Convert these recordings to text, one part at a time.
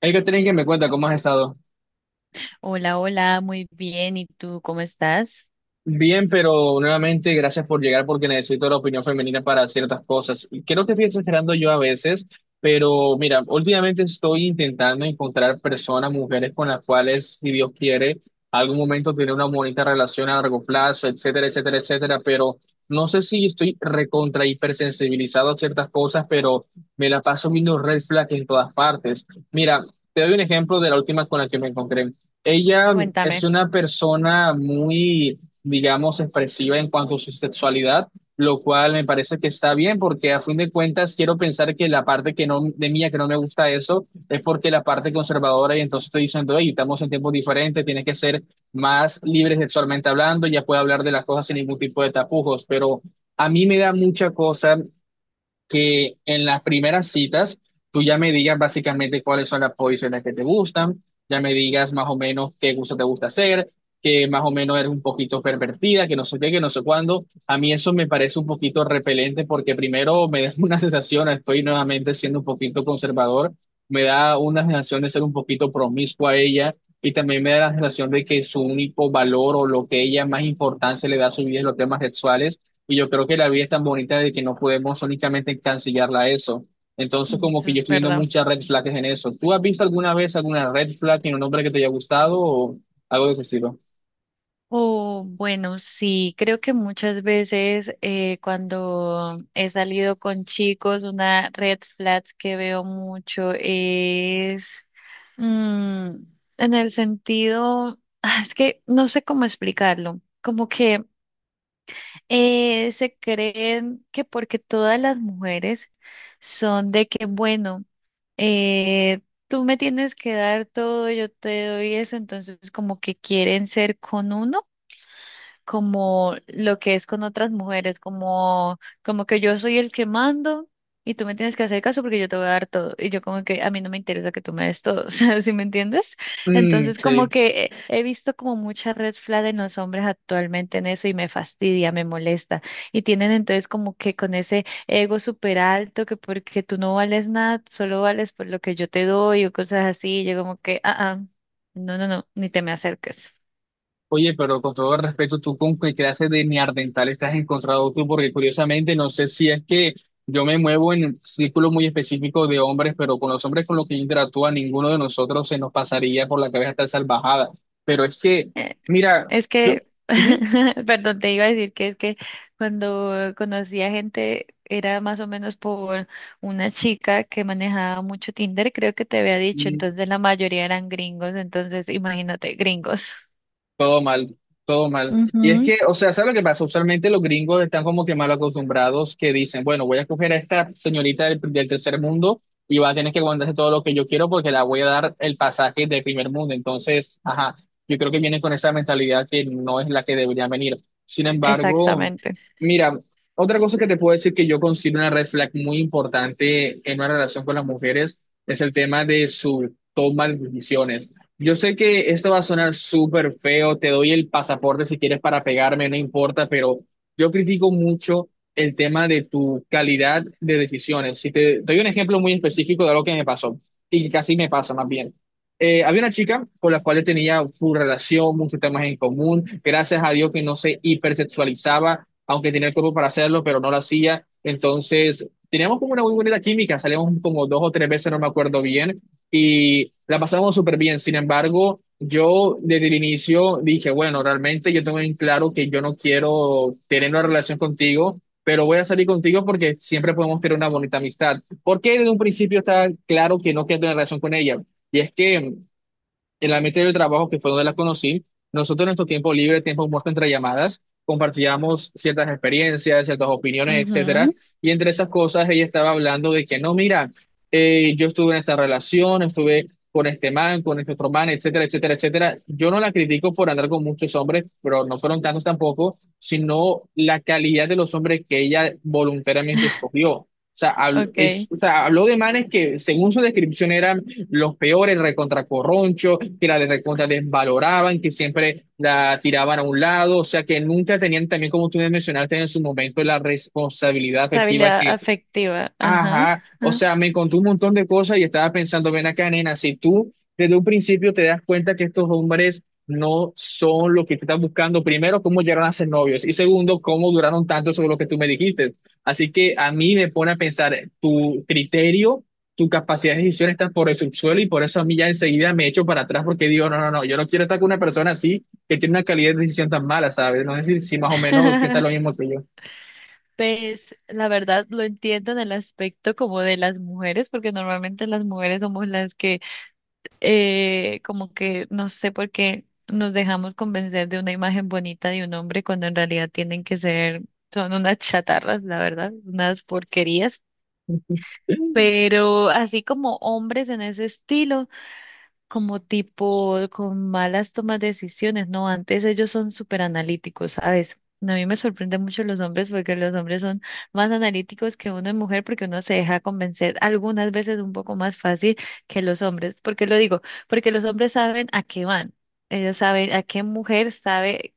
Hay que tener que me cuenta cómo has estado. Hola, hola, muy bien. ¿Y tú cómo estás? Bien, pero nuevamente gracias por llegar porque necesito la opinión femenina para ciertas cosas. Y creo que estoy exagerando yo a veces, pero mira, últimamente estoy intentando encontrar personas, mujeres con las cuales, si Dios quiere, algún momento tener una bonita relación a largo plazo, etcétera, etcétera, etcétera. Pero no sé si estoy recontra hipersensibilizado a ciertas cosas, pero me la paso viendo red flag en todas partes. Mira, te doy un ejemplo de la última con la que me encontré. Ella es Cuéntame. una persona muy, digamos, expresiva en cuanto a su sexualidad, lo cual me parece que está bien porque a fin de cuentas quiero pensar que la parte que no, de mía que no me gusta eso es porque la parte conservadora y entonces estoy diciendo, hey, estamos en tiempos diferentes, tienes que ser más libre sexualmente hablando, ya puedo hablar de las cosas sin ningún tipo de tapujos, pero a mí me da mucha cosa que en las primeras citas tú ya me digas básicamente cuáles son las posiciones que te gustan, ya me digas más o menos qué gusto te gusta hacer, que más o menos eres un poquito pervertida, que no sé qué, que no sé cuándo. A mí eso me parece un poquito repelente porque primero me da una sensación, estoy nuevamente siendo un poquito conservador, me da una sensación de ser un poquito promiscua a ella. Y también me da la sensación de que su único valor o lo que ella más importancia le da a su vida es los temas sexuales y yo creo que la vida es tan bonita de que no podemos únicamente cancelarla a eso. Entonces, Mm, como eso que yo es estoy viendo verdad. muchas red flags en eso. ¿Tú has visto alguna vez alguna red flag en un hombre que te haya gustado o algo de ese estilo? Oh, bueno, sí, creo que muchas veces cuando he salido con chicos, una red flag que veo mucho es mm, en el sentido, es que no sé cómo explicarlo, como que se creen que porque todas las mujeres son de que, bueno, eh, tú me tienes que dar todo, yo te doy eso, entonces como que quieren ser con uno como lo que es con otras mujeres, como, como que yo soy el que mando y tú me tienes que hacer caso porque yo te voy a dar todo. Y yo como que a mí no me interesa que tú me des todo, o sea, ¿sí me entiendes? Mm, Entonces como sí. que he visto como mucha red flag en los hombres actualmente en eso y me fastidia, me molesta. Y tienen entonces como que con ese ego súper alto que porque tú no vales nada, solo vales por lo que yo te doy o cosas así. Y yo como que, no, no, no, ni te me acerques. Oye, pero con todo respeto, ¿tú con qué clase de neandertal te has encontrado tú? Porque curiosamente, no sé si es que yo me muevo en un círculo muy específico de hombres, pero con los hombres con los que yo interactúo, a ninguno de nosotros se nos pasaría por la cabeza tal salvajada. Pero es que, Eh, mira, Es yo... que, perdón, te iba a decir que es que cuando conocí a gente era más o menos por una chica que manejaba mucho Tinder, creo que te había dicho, Ujú. entonces la mayoría eran gringos, entonces imagínate, gringos. Todo mal, todo mal. Y es Ujú. que, o sea, ¿sabes lo que pasa? Usualmente los gringos están como que mal acostumbrados que dicen, bueno, voy a coger a esta señorita del tercer mundo y va a tener que aguantarse todo lo que yo quiero porque la voy a dar el pasaje del primer mundo. Entonces, ajá, yo creo que vienen con esa mentalidad que no es la que deberían venir. Sin embargo, Exactamente. mira, otra cosa que te puedo decir que yo considero una red flag muy importante en una relación con las mujeres es el tema de su toma de decisiones. Yo sé que esto va a sonar súper feo, te doy el pasaporte si quieres para pegarme, no importa, pero yo critico mucho el tema de tu calidad de decisiones. Si te doy un ejemplo muy específico de algo que me pasó y que casi me pasa más bien. Había una chica con la cual yo tenía su relación, muchos temas en común, gracias a Dios que no se hipersexualizaba, aunque tenía el cuerpo para hacerlo, pero no lo hacía. Entonces, teníamos como una muy bonita química, salíamos como dos o tres veces, no me acuerdo bien y la pasamos súper bien. Sin embargo, yo desde el inicio dije, bueno, realmente yo tengo en claro que yo no quiero tener una relación contigo, pero voy a salir contigo porque siempre podemos tener una bonita amistad. ¿Por qué desde un principio está claro que no quiero tener relación con ella? Y es que en la ambiente del trabajo, que fue donde la conocí, nosotros en nuestro tiempo libre, tiempo muerto entre llamadas, compartíamos ciertas experiencias, ciertas opiniones, etcétera. Ujú. Y entre esas cosas, ella estaba hablando de que no, mira, yo estuve en esta relación, estuve con este man, con este otro man, etcétera, etcétera, etcétera. Yo no la critico por andar con muchos hombres, pero no fueron tantos tampoco, sino la calidad de los hombres que ella voluntariamente escogió. O sea, Okay. o sea, habló de manes que, según su descripción, eran los peores, recontra corroncho, que la de recontra desvaloraban, que siempre la tiraban a un lado, o sea que nunca tenían también, como tú mencionaste en su momento, la responsabilidad afectiva Estabilidad que... afectiva. Ajá. Ajá, o Ah. sea, me contó un montón de cosas y estaba pensando, ven acá, nena, si tú desde un principio te das cuenta que estos hombres no son lo que tú estás buscando, primero, cómo llegaron a ser novios y segundo, cómo duraron tanto sobre lo que tú me dijiste. Así que a mí me pone a pensar, tu criterio, tu capacidad de decisión está por el subsuelo y por eso a mí ya enseguida me echo para atrás porque digo, no, no, no, yo no quiero estar con una persona así que tiene una calidad de decisión tan mala, ¿sabes? No sé si, si más o menos piensas lo mismo que yo. Pues la verdad lo entiendo en el aspecto como de las mujeres, porque normalmente las mujeres somos las que como que no sé por qué nos dejamos convencer de una imagen bonita de un hombre cuando en realidad tienen que ser, son unas chatarras, la verdad, unas porquerías. Pero así como hombres en ese estilo como tipo con malas tomas de decisiones, ¿no? Antes ellos son súper analíticos, ¿sabes? A mí me sorprende mucho los hombres porque los hombres son más analíticos que uno es mujer porque uno se deja convencer algunas veces un poco más fácil que los hombres. ¿Por qué lo digo? Porque los hombres saben a qué van. Ellos saben a qué mujer sabe.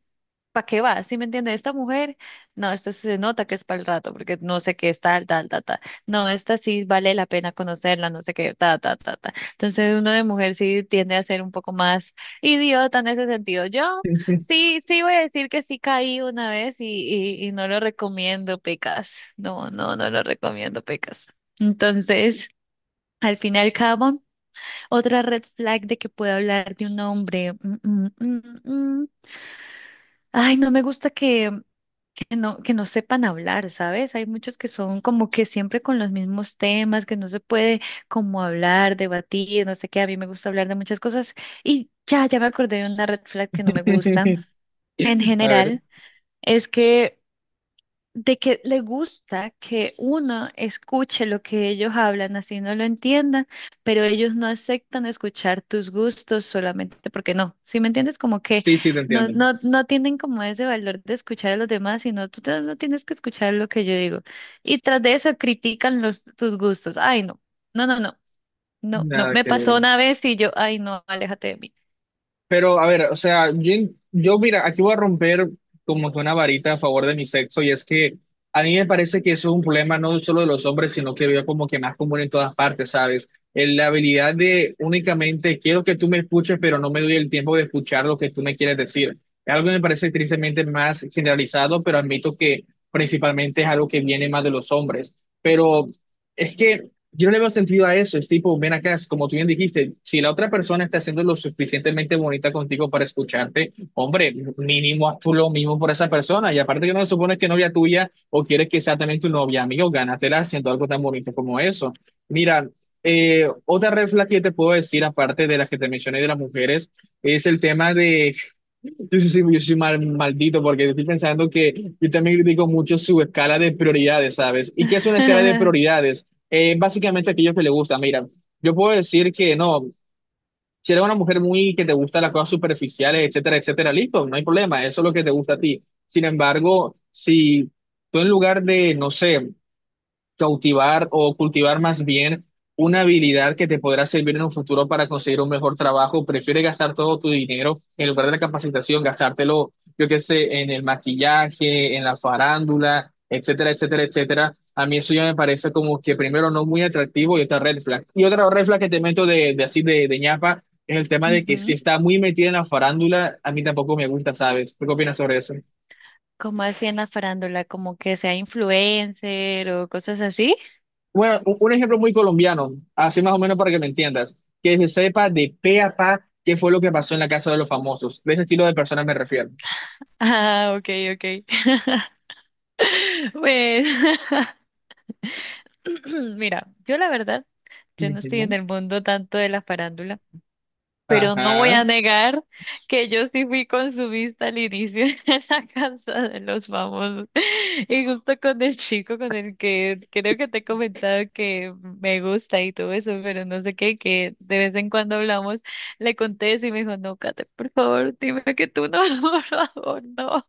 ¿Para qué va? ¿Sí me entiende? Esta mujer, no, esto se nota que es para el rato, porque no sé qué es tal, tal, tal, tal. No, esta sí vale la pena conocerla, no sé qué, ta, ta, ta, ta. Entonces uno de mujer sí tiende a ser un poco más idiota en ese sentido. Yo sí, sí voy a decir que sí caí una vez y no lo recomiendo, Pecas. No, no, no lo recomiendo, Pecas. Entonces, al fin y al cabo, otra red flag de que pueda hablar de un hombre. Mm. Ay, no me gusta que no sepan hablar, ¿sabes? Hay muchos que son como que siempre con los mismos temas, que no se puede como hablar, debatir, no sé qué. A mí me gusta hablar de muchas cosas y ya, ya me acordé de una red flag que no me gusta en A ver. general, es que de que le gusta que uno escuche lo que ellos hablan, así no lo entiendan, pero ellos no aceptan escuchar tus gustos solamente porque no. ¿Sí me entiendes? Como que Sí, sí, te no, entiendo. no, no tienen como ese valor de escuchar a los demás, sino tú te- no tienes que escuchar lo que yo digo. Y tras de eso critican los, tus gustos. Ay, no, no, no, no, no, no. Nada Me que pasó ver. una vez y yo, ay, no, aléjate de mí. Pero, a ver, o sea, yo, mira, aquí voy a romper como que una varita a favor de mi sexo, y es que a mí me parece que eso es un problema no solo de los hombres, sino que veo como que más común en todas partes, ¿sabes? En la habilidad de únicamente quiero que tú me escuches, pero no me doy el tiempo de escuchar lo que tú me quieres decir. Es algo que me parece tristemente más generalizado, pero admito que principalmente es algo que viene más de los hombres. Pero es que yo no le veo sentido a eso, es tipo, ven acá, es como tú bien dijiste, si la otra persona está siendo lo suficientemente bonita contigo para escucharte, hombre, mínimo haz tú lo mismo por esa persona, y aparte que no le supones que es novia tuya o quieres que sea también tu novia, amigo, gánatela haciendo algo tan bonito como eso. Mira, otra red flag que te puedo decir, aparte de las que te mencioné de las mujeres, es el tema de yo soy maldito porque estoy pensando que yo también critico mucho su escala de prioridades, ¿sabes? ¿Y qué es una escala de prioridades? Básicamente aquello que le gusta, mira, yo puedo decir que no, si eres una mujer muy que te gusta las cosas superficiales, etcétera, etcétera, listo, no hay problema, eso es lo que te gusta a ti. Sin embargo, si tú en lugar de, no sé, cautivar o cultivar más bien una habilidad que te podrá servir en un futuro para conseguir un mejor trabajo. Prefiere gastar todo tu dinero en lugar de la capacitación, gastártelo, yo qué sé, en el maquillaje, en la farándula, etcétera, etcétera, etcétera. A mí eso ya me parece como que primero no muy atractivo y otra red flag. Y otra red flag que te meto de así de ñapa es el tema de que si Ujú. está muy metida en la farándula, a mí tampoco me gusta, ¿sabes? ¿Tú qué opinas sobre eso? ¿Como así en la farándula, como que sea influencer o cosas así? Bueno, un ejemplo muy colombiano, así más o menos para que me entiendas, que se sepa de pe a pa qué fue lo que pasó en la casa de los famosos. De ese estilo de personas me refiero. Ah, ok, ok. Pues, mira, yo la verdad, yo no estoy en Ujú. el mundo tanto de la farándula, pero no voy Ajá. a negar que yo sí fui consumista al inicio en la casa de los famosos. Y justo con el chico con el que creo que te he comentado que me gusta y todo eso, pero no sé qué, que de vez en cuando hablamos, le conté eso y me dijo, no, Kate, por favor, dime que tú no, por favor, no.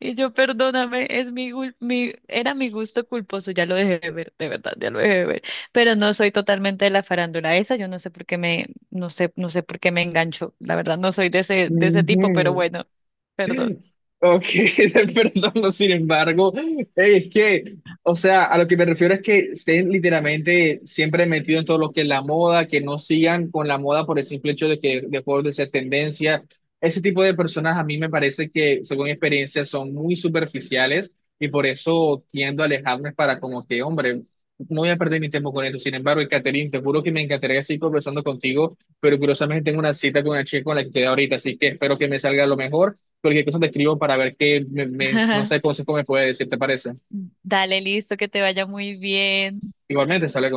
Y yo, perdóname, es mi, gul- mi, era mi gusto culposo, ya lo dejé de ver, de verdad, ya lo dejé de ver. Pero no soy totalmente de la farándula esa, yo no sé por qué no sé, no sé por qué me engancho. La verdad no soy de ese tipo, pero Ujú. bueno, perdón. Ok, perdón, no, sin embargo, o sea, a lo que me refiero es que estén literalmente siempre metidos en todo lo que es la moda, que no sigan con la moda por el simple hecho de que dejó de ser tendencia. Ese tipo de personas a mí me parece que, según mi experiencia, son muy superficiales y por eso tiendo a alejarme para como que, hombre, no voy a perder mi tiempo con esto. Sin embargo, Catherine, te juro que me encantaría seguir conversando contigo, pero curiosamente tengo una cita con una chica con la que quedé ahorita, así que espero que me salga lo mejor cualquier cosa te escribo para ver qué, no sé, consejo me puede decir, ¿te parece? Dale, listo, que te vaya muy bien. Igualmente, sale.